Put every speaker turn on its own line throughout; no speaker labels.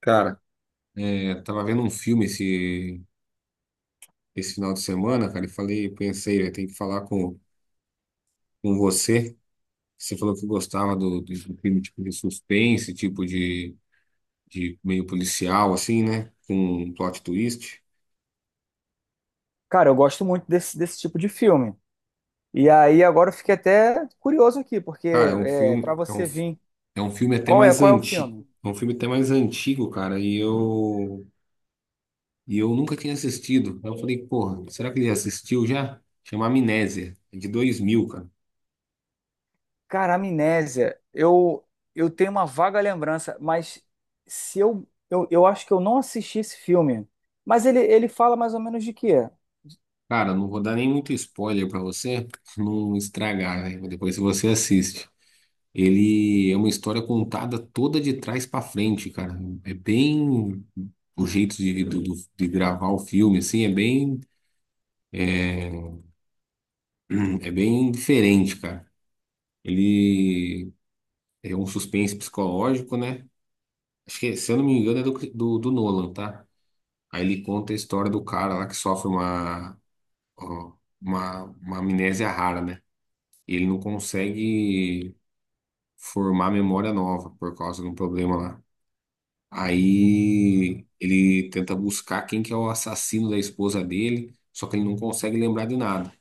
Cara, tava vendo um filme esse final de semana, cara, e falei, pensei, eu tenho que falar com você. Você falou que gostava do filme tipo de suspense, tipo de meio policial, assim, né? Com um plot twist.
Cara, eu gosto muito desse tipo de filme. E aí agora eu fiquei até curioso aqui, porque
Cara, é um
para
filme, é um,
você
fi-
vir,
é um filme até
qual é
mais
qual é o
antigo.
filme?
É um filme até mais antigo, cara, e eu nunca tinha assistido. Aí eu falei, porra, será que ele assistiu já? Chama Amnésia, é de 2000, cara.
Cara, Amnésia, eu tenho uma vaga lembrança, mas se eu, eu acho que eu não assisti esse filme. Mas ele fala mais ou menos de quê?
Cara, não vou dar nem muito spoiler pra você não estragar, né? Depois você assiste. Ele é uma história contada toda de trás pra frente, cara. É bem o jeito de gravar o filme, assim, é bem é é bem diferente, cara. Ele é um suspense psicológico, né? Acho que, se eu não me engano, é do Nolan, tá? Aí ele conta a história do cara lá que sofre ó, uma amnésia rara, né? Ele não consegue formar memória nova por causa de um problema lá. Aí ele tenta buscar quem que é o assassino da esposa dele, só que ele não consegue lembrar de nada.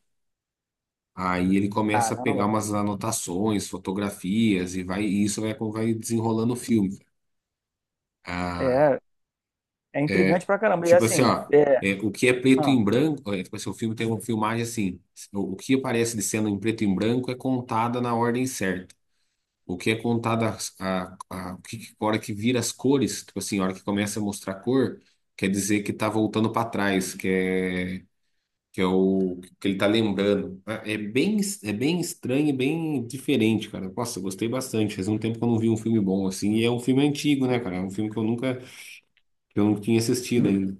Aí ele começa a pegar
Caramba,
umas anotações, fotografias e vai e isso vai desenrolando o filme. Ah,
é é
é,
intrigante pra caramba. E
tipo assim,
assim,
ó, o que é preto
ah.
em branco, tipo assim, o filme tem uma filmagem assim, o que aparece de cena em preto e branco é contada na ordem certa. O que é contado a hora que vira as cores, tipo assim, a hora que começa a mostrar cor, quer dizer que tá voltando para trás, que é o que ele tá lembrando. É bem estranho e bem diferente, cara. Nossa, eu gostei bastante. Faz um tempo que eu não vi um filme bom assim. E é um filme antigo, né, cara? É um filme que eu não tinha assistido ainda.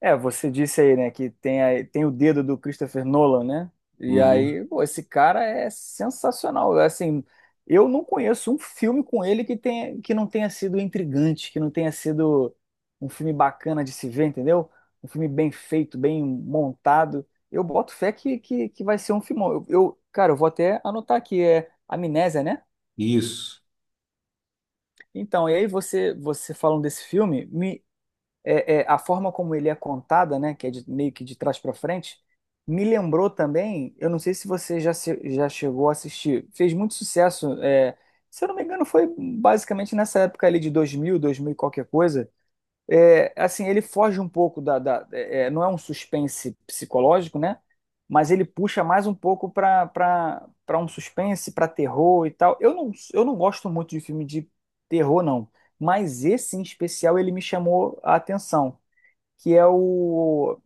É, você disse aí, né, que tem, tem o dedo do Christopher Nolan, né? E
Uhum.
aí, pô, esse cara é sensacional. Assim, eu não conheço um filme com ele que tenha, que não tenha sido intrigante, que não tenha sido um filme bacana de se ver, entendeu? Um filme bem feito, bem montado. Eu boto fé que vai ser um filmão. Cara, eu vou até anotar aqui, é Amnésia, né?
Isso.
Então, e aí você falando desse filme, a forma como ele é contada, né, que é meio que de trás para frente, me lembrou também, eu não sei se você já, já chegou a assistir, fez muito sucesso, se eu não me engano foi basicamente nessa época ali de 2000, 2000 e qualquer coisa, é, assim, ele foge um pouco da, não é um suspense psicológico, né? Mas ele puxa mais um pouco para um suspense, para terror e tal. Eu não gosto muito de filme de terror, não. Mas esse em especial ele me chamou a atenção, que é o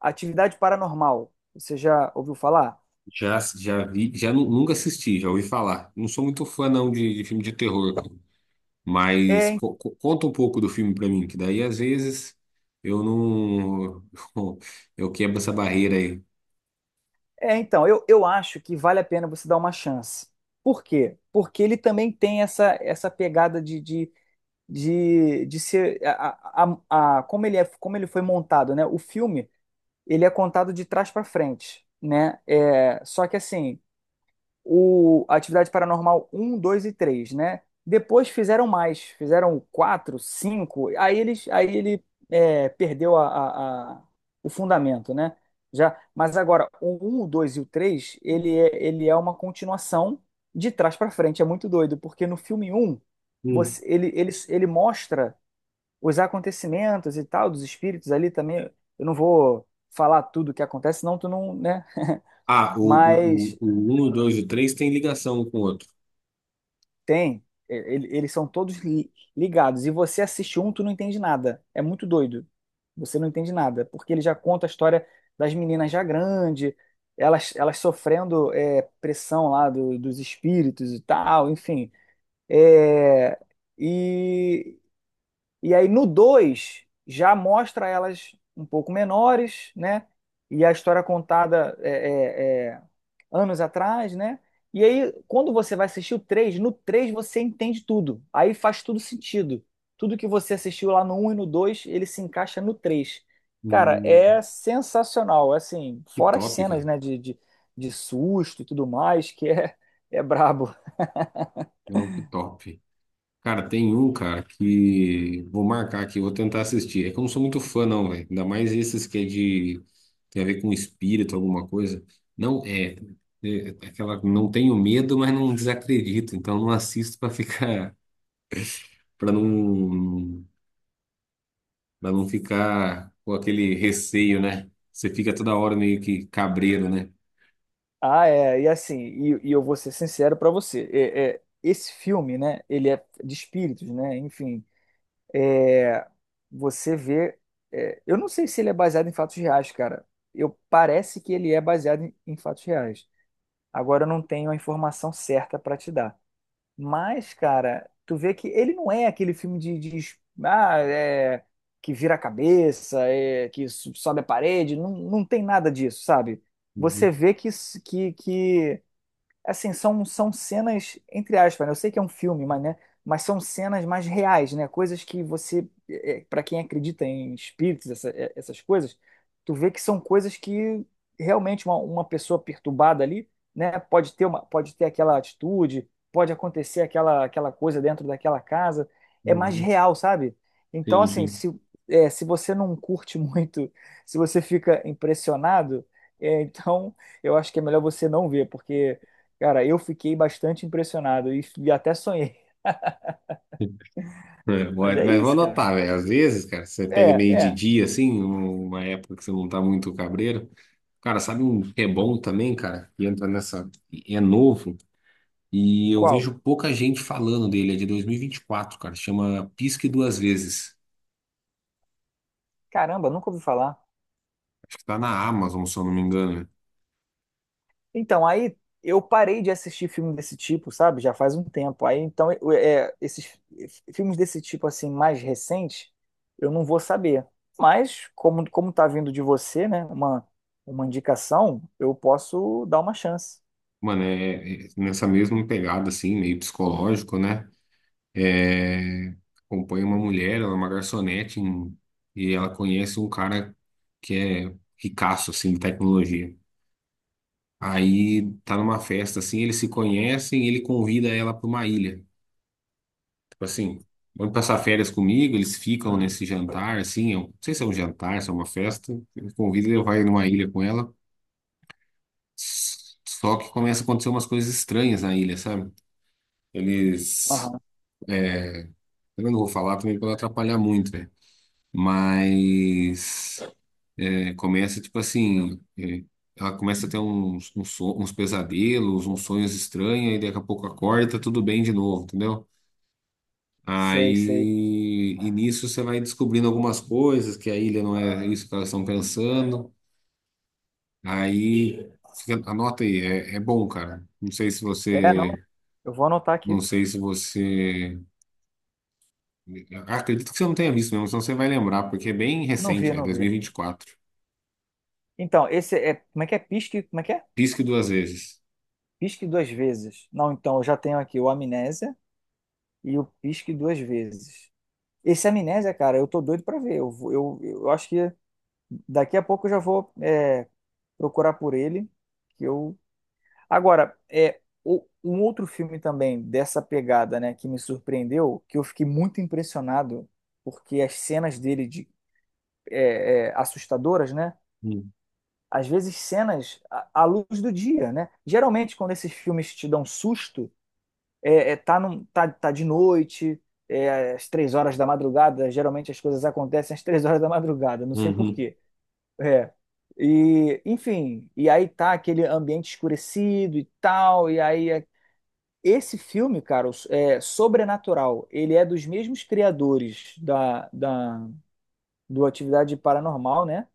Atividade Paranormal. Você já ouviu falar?
Já vi, já nunca assisti, já ouvi falar. Não sou muito fã, não, de filme de terror, cara. Mas
É,
conta um pouco do filme pra mim, que daí às vezes eu não. Eu quebro essa barreira aí.
então, eu acho que vale a pena você dar uma chance. Por quê? Porque ele também tem essa pegada de ser como ele é, como ele foi montado, né? O filme ele é contado de trás para frente, né? É, só que assim, o Atividade Paranormal um 2 e três, né? Depois fizeram mais, fizeram quatro, cinco, aí ele é, perdeu o fundamento, né? Já, mas agora o 1, o 2 e o 3, ele é uma continuação de trás para frente, é muito doido, porque no filme um
Hum.
você, ele mostra os acontecimentos e tal, dos espíritos ali também. Eu não vou falar tudo o que acontece, senão tu não, né?
Ah, o, o,
Mas
o, o 1, o 2 e o 3 tem ligação um com o outro.
tem. Eles são ligados. E você assiste um, tu não entende nada. É muito doido. Você não entende nada. Porque ele já conta a história das meninas já grande, elas sofrendo, é, pressão lá dos espíritos e tal, enfim. É, e E aí no 2 já mostra elas um pouco menores, né? E a história contada é, é, anos atrás, né? E aí, quando você vai assistir o 3, no 3 você entende tudo. Aí faz tudo sentido. Tudo que você assistiu lá no um e no 2, ele se encaixa no 3. Cara,
Hum,
é sensacional. É Assim,
que
fora as
top, cara.
cenas, né? De susto e tudo mais, que é brabo.
É um que top. Cara, tem um, cara, que vou marcar aqui, vou tentar assistir. É que eu não sou muito fã, não, velho. Ainda mais esses que é de. Tem a ver com espírito, alguma coisa. Não, é aquela. Não tenho medo, mas não desacredito. Então não assisto pra ficar. Para não, para não ficar com aquele receio, né? Você fica toda hora meio que cabreiro, né?
Ah, é, e assim, e eu vou ser sincero pra você, esse filme, né, ele é de espíritos, né, enfim, você vê, é, eu não sei se ele é baseado em fatos reais, cara, eu parece que ele é baseado em fatos reais, agora eu não tenho a informação certa pra te dar, mas, cara, tu vê que ele não é aquele filme de es- ah, é, que vira a cabeça, é, sobe a parede, não, não tem nada disso, sabe? Você
Uhum,
vê que assim, são cenas, entre aspas, né? Eu sei que é um filme, mas, né? Mas são cenas mais reais, né? Coisas que você, para quem acredita em espíritos, essas coisas, tu vê que são coisas que realmente uma pessoa perturbada ali, né? Pode ter uma, pode ter aquela atitude, pode acontecer aquela coisa dentro daquela casa, é mais
uhum,
real, sabe? Então, assim,
entendi.
se você não curte muito, se você fica impressionado, então eu acho que é melhor você não ver, porque cara, eu fiquei bastante impressionado e até sonhei.
É,
Mas é
mas vou
isso, cara.
anotar, velho. Às vezes, cara, você pega
É,
meio de
é.
dia, assim, uma época que você não tá muito cabreiro. Cara, sabe um que é bom também, cara? E entra nessa. É novo. E eu
Qual?
vejo pouca gente falando dele. É de dois mil e vinte e quatro, cara. Chama Pisque Duas Vezes.
Caramba, nunca ouvi falar.
Acho que tá na Amazon, se eu não me engano.
Então, aí eu parei de assistir filme desse tipo, sabe? Já faz um tempo. Aí, então, esses filmes desse tipo, assim, mais recentes, eu não vou saber. Mas, como tá vindo de você, né? Uma indicação, eu posso dar uma chance.
Mano, é nessa mesma pegada, assim, meio psicológico, né? É, acompanha uma mulher, ela é uma garçonete, e ela conhece um cara que é ricaço, assim, de tecnologia. Aí tá numa festa, assim, eles se conhecem e ele convida ela pra uma ilha. Tipo assim, vamos passar férias comigo, eles ficam nesse jantar, assim, eu não sei se é um jantar, se é uma festa. Ele convida e ele vai numa ilha com ela. S- Só que começa a acontecer umas coisas estranhas na ilha, sabe? Eles
Aham.
Eu não vou falar também para não atrapalhar muito, né? Mas começa, tipo assim, ela começa a ter uns pesadelos, uns sonhos estranhos, e daqui a pouco acorda, e tá tudo bem de novo, entendeu?
Sei, sei.
Aí, e nisso você vai descobrindo algumas coisas, que a ilha não é isso que elas estão pensando. Aí, anota aí, é bom, cara. Não sei se
É, não.
você,
Eu vou anotar
não
aqui.
sei se você, Acredito que você não tenha visto mesmo, senão você vai lembrar, porque é bem
Não vi,
recente, é
não
dois
vi.
mil e vinte e quatro.
Então, esse é. Como é que é? Pisque? Como é que é?
Risque duas vezes.
Pisque duas vezes. Não, então eu já tenho aqui o Amnésia e o Pisque duas vezes. Esse Amnésia, cara, eu tô doido pra ver. Eu acho que daqui a pouco eu já vou, é, procurar por ele. Que eu... Agora, é, um outro filme também dessa pegada, né, que me surpreendeu, que eu fiquei muito impressionado, porque as cenas dele de, é, assustadoras, né?
Hum.
Às vezes cenas à luz do dia, né? Geralmente, quando esses filmes te dão susto, tá de noite, é, às três horas da madrugada, geralmente as coisas acontecem às três horas da madrugada, não sei por
Uhum.
quê. É. E, enfim, e aí tá aquele ambiente escurecido e tal, e aí esse filme, cara, é Sobrenatural, ele é dos mesmos criadores do Atividade Paranormal, né?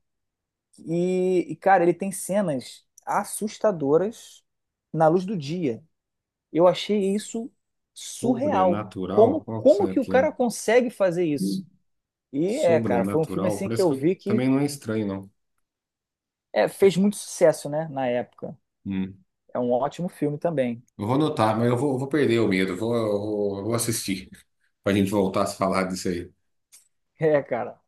Cara, ele tem cenas assustadoras na luz do dia. Eu achei isso surreal.
Sobrenatural? Qual que
Como
será
que o
que é?
cara consegue fazer isso?
Hum.
E é, cara, foi um filme
Sobrenatural?
assim que
Parece
eu
que
vi que
também não é estranho, não.
é,
É.
fez muito sucesso, né, na época.
Hum.
É um ótimo filme também.
Eu vou anotar, mas eu vou perder o medo. Eu vou assistir pra gente voltar a se falar disso aí.
É, cara.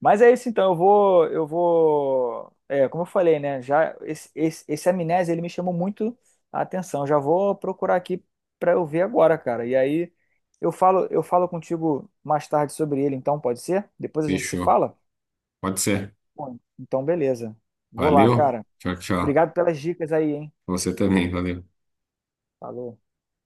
Mas é isso então, eu vou, é, como eu falei, né, já esse Amnésia, ele me chamou muito a atenção. Já vou procurar aqui pra eu ver agora, cara. E aí eu falo contigo mais tarde sobre ele, então pode ser? Depois a gente se
Fechou.
fala?
Pode ser.
Bom, então beleza. Vou lá,
Valeu.
cara.
Tchau, tchau.
Obrigado pelas dicas aí, hein?
Você também, valeu.
Falou.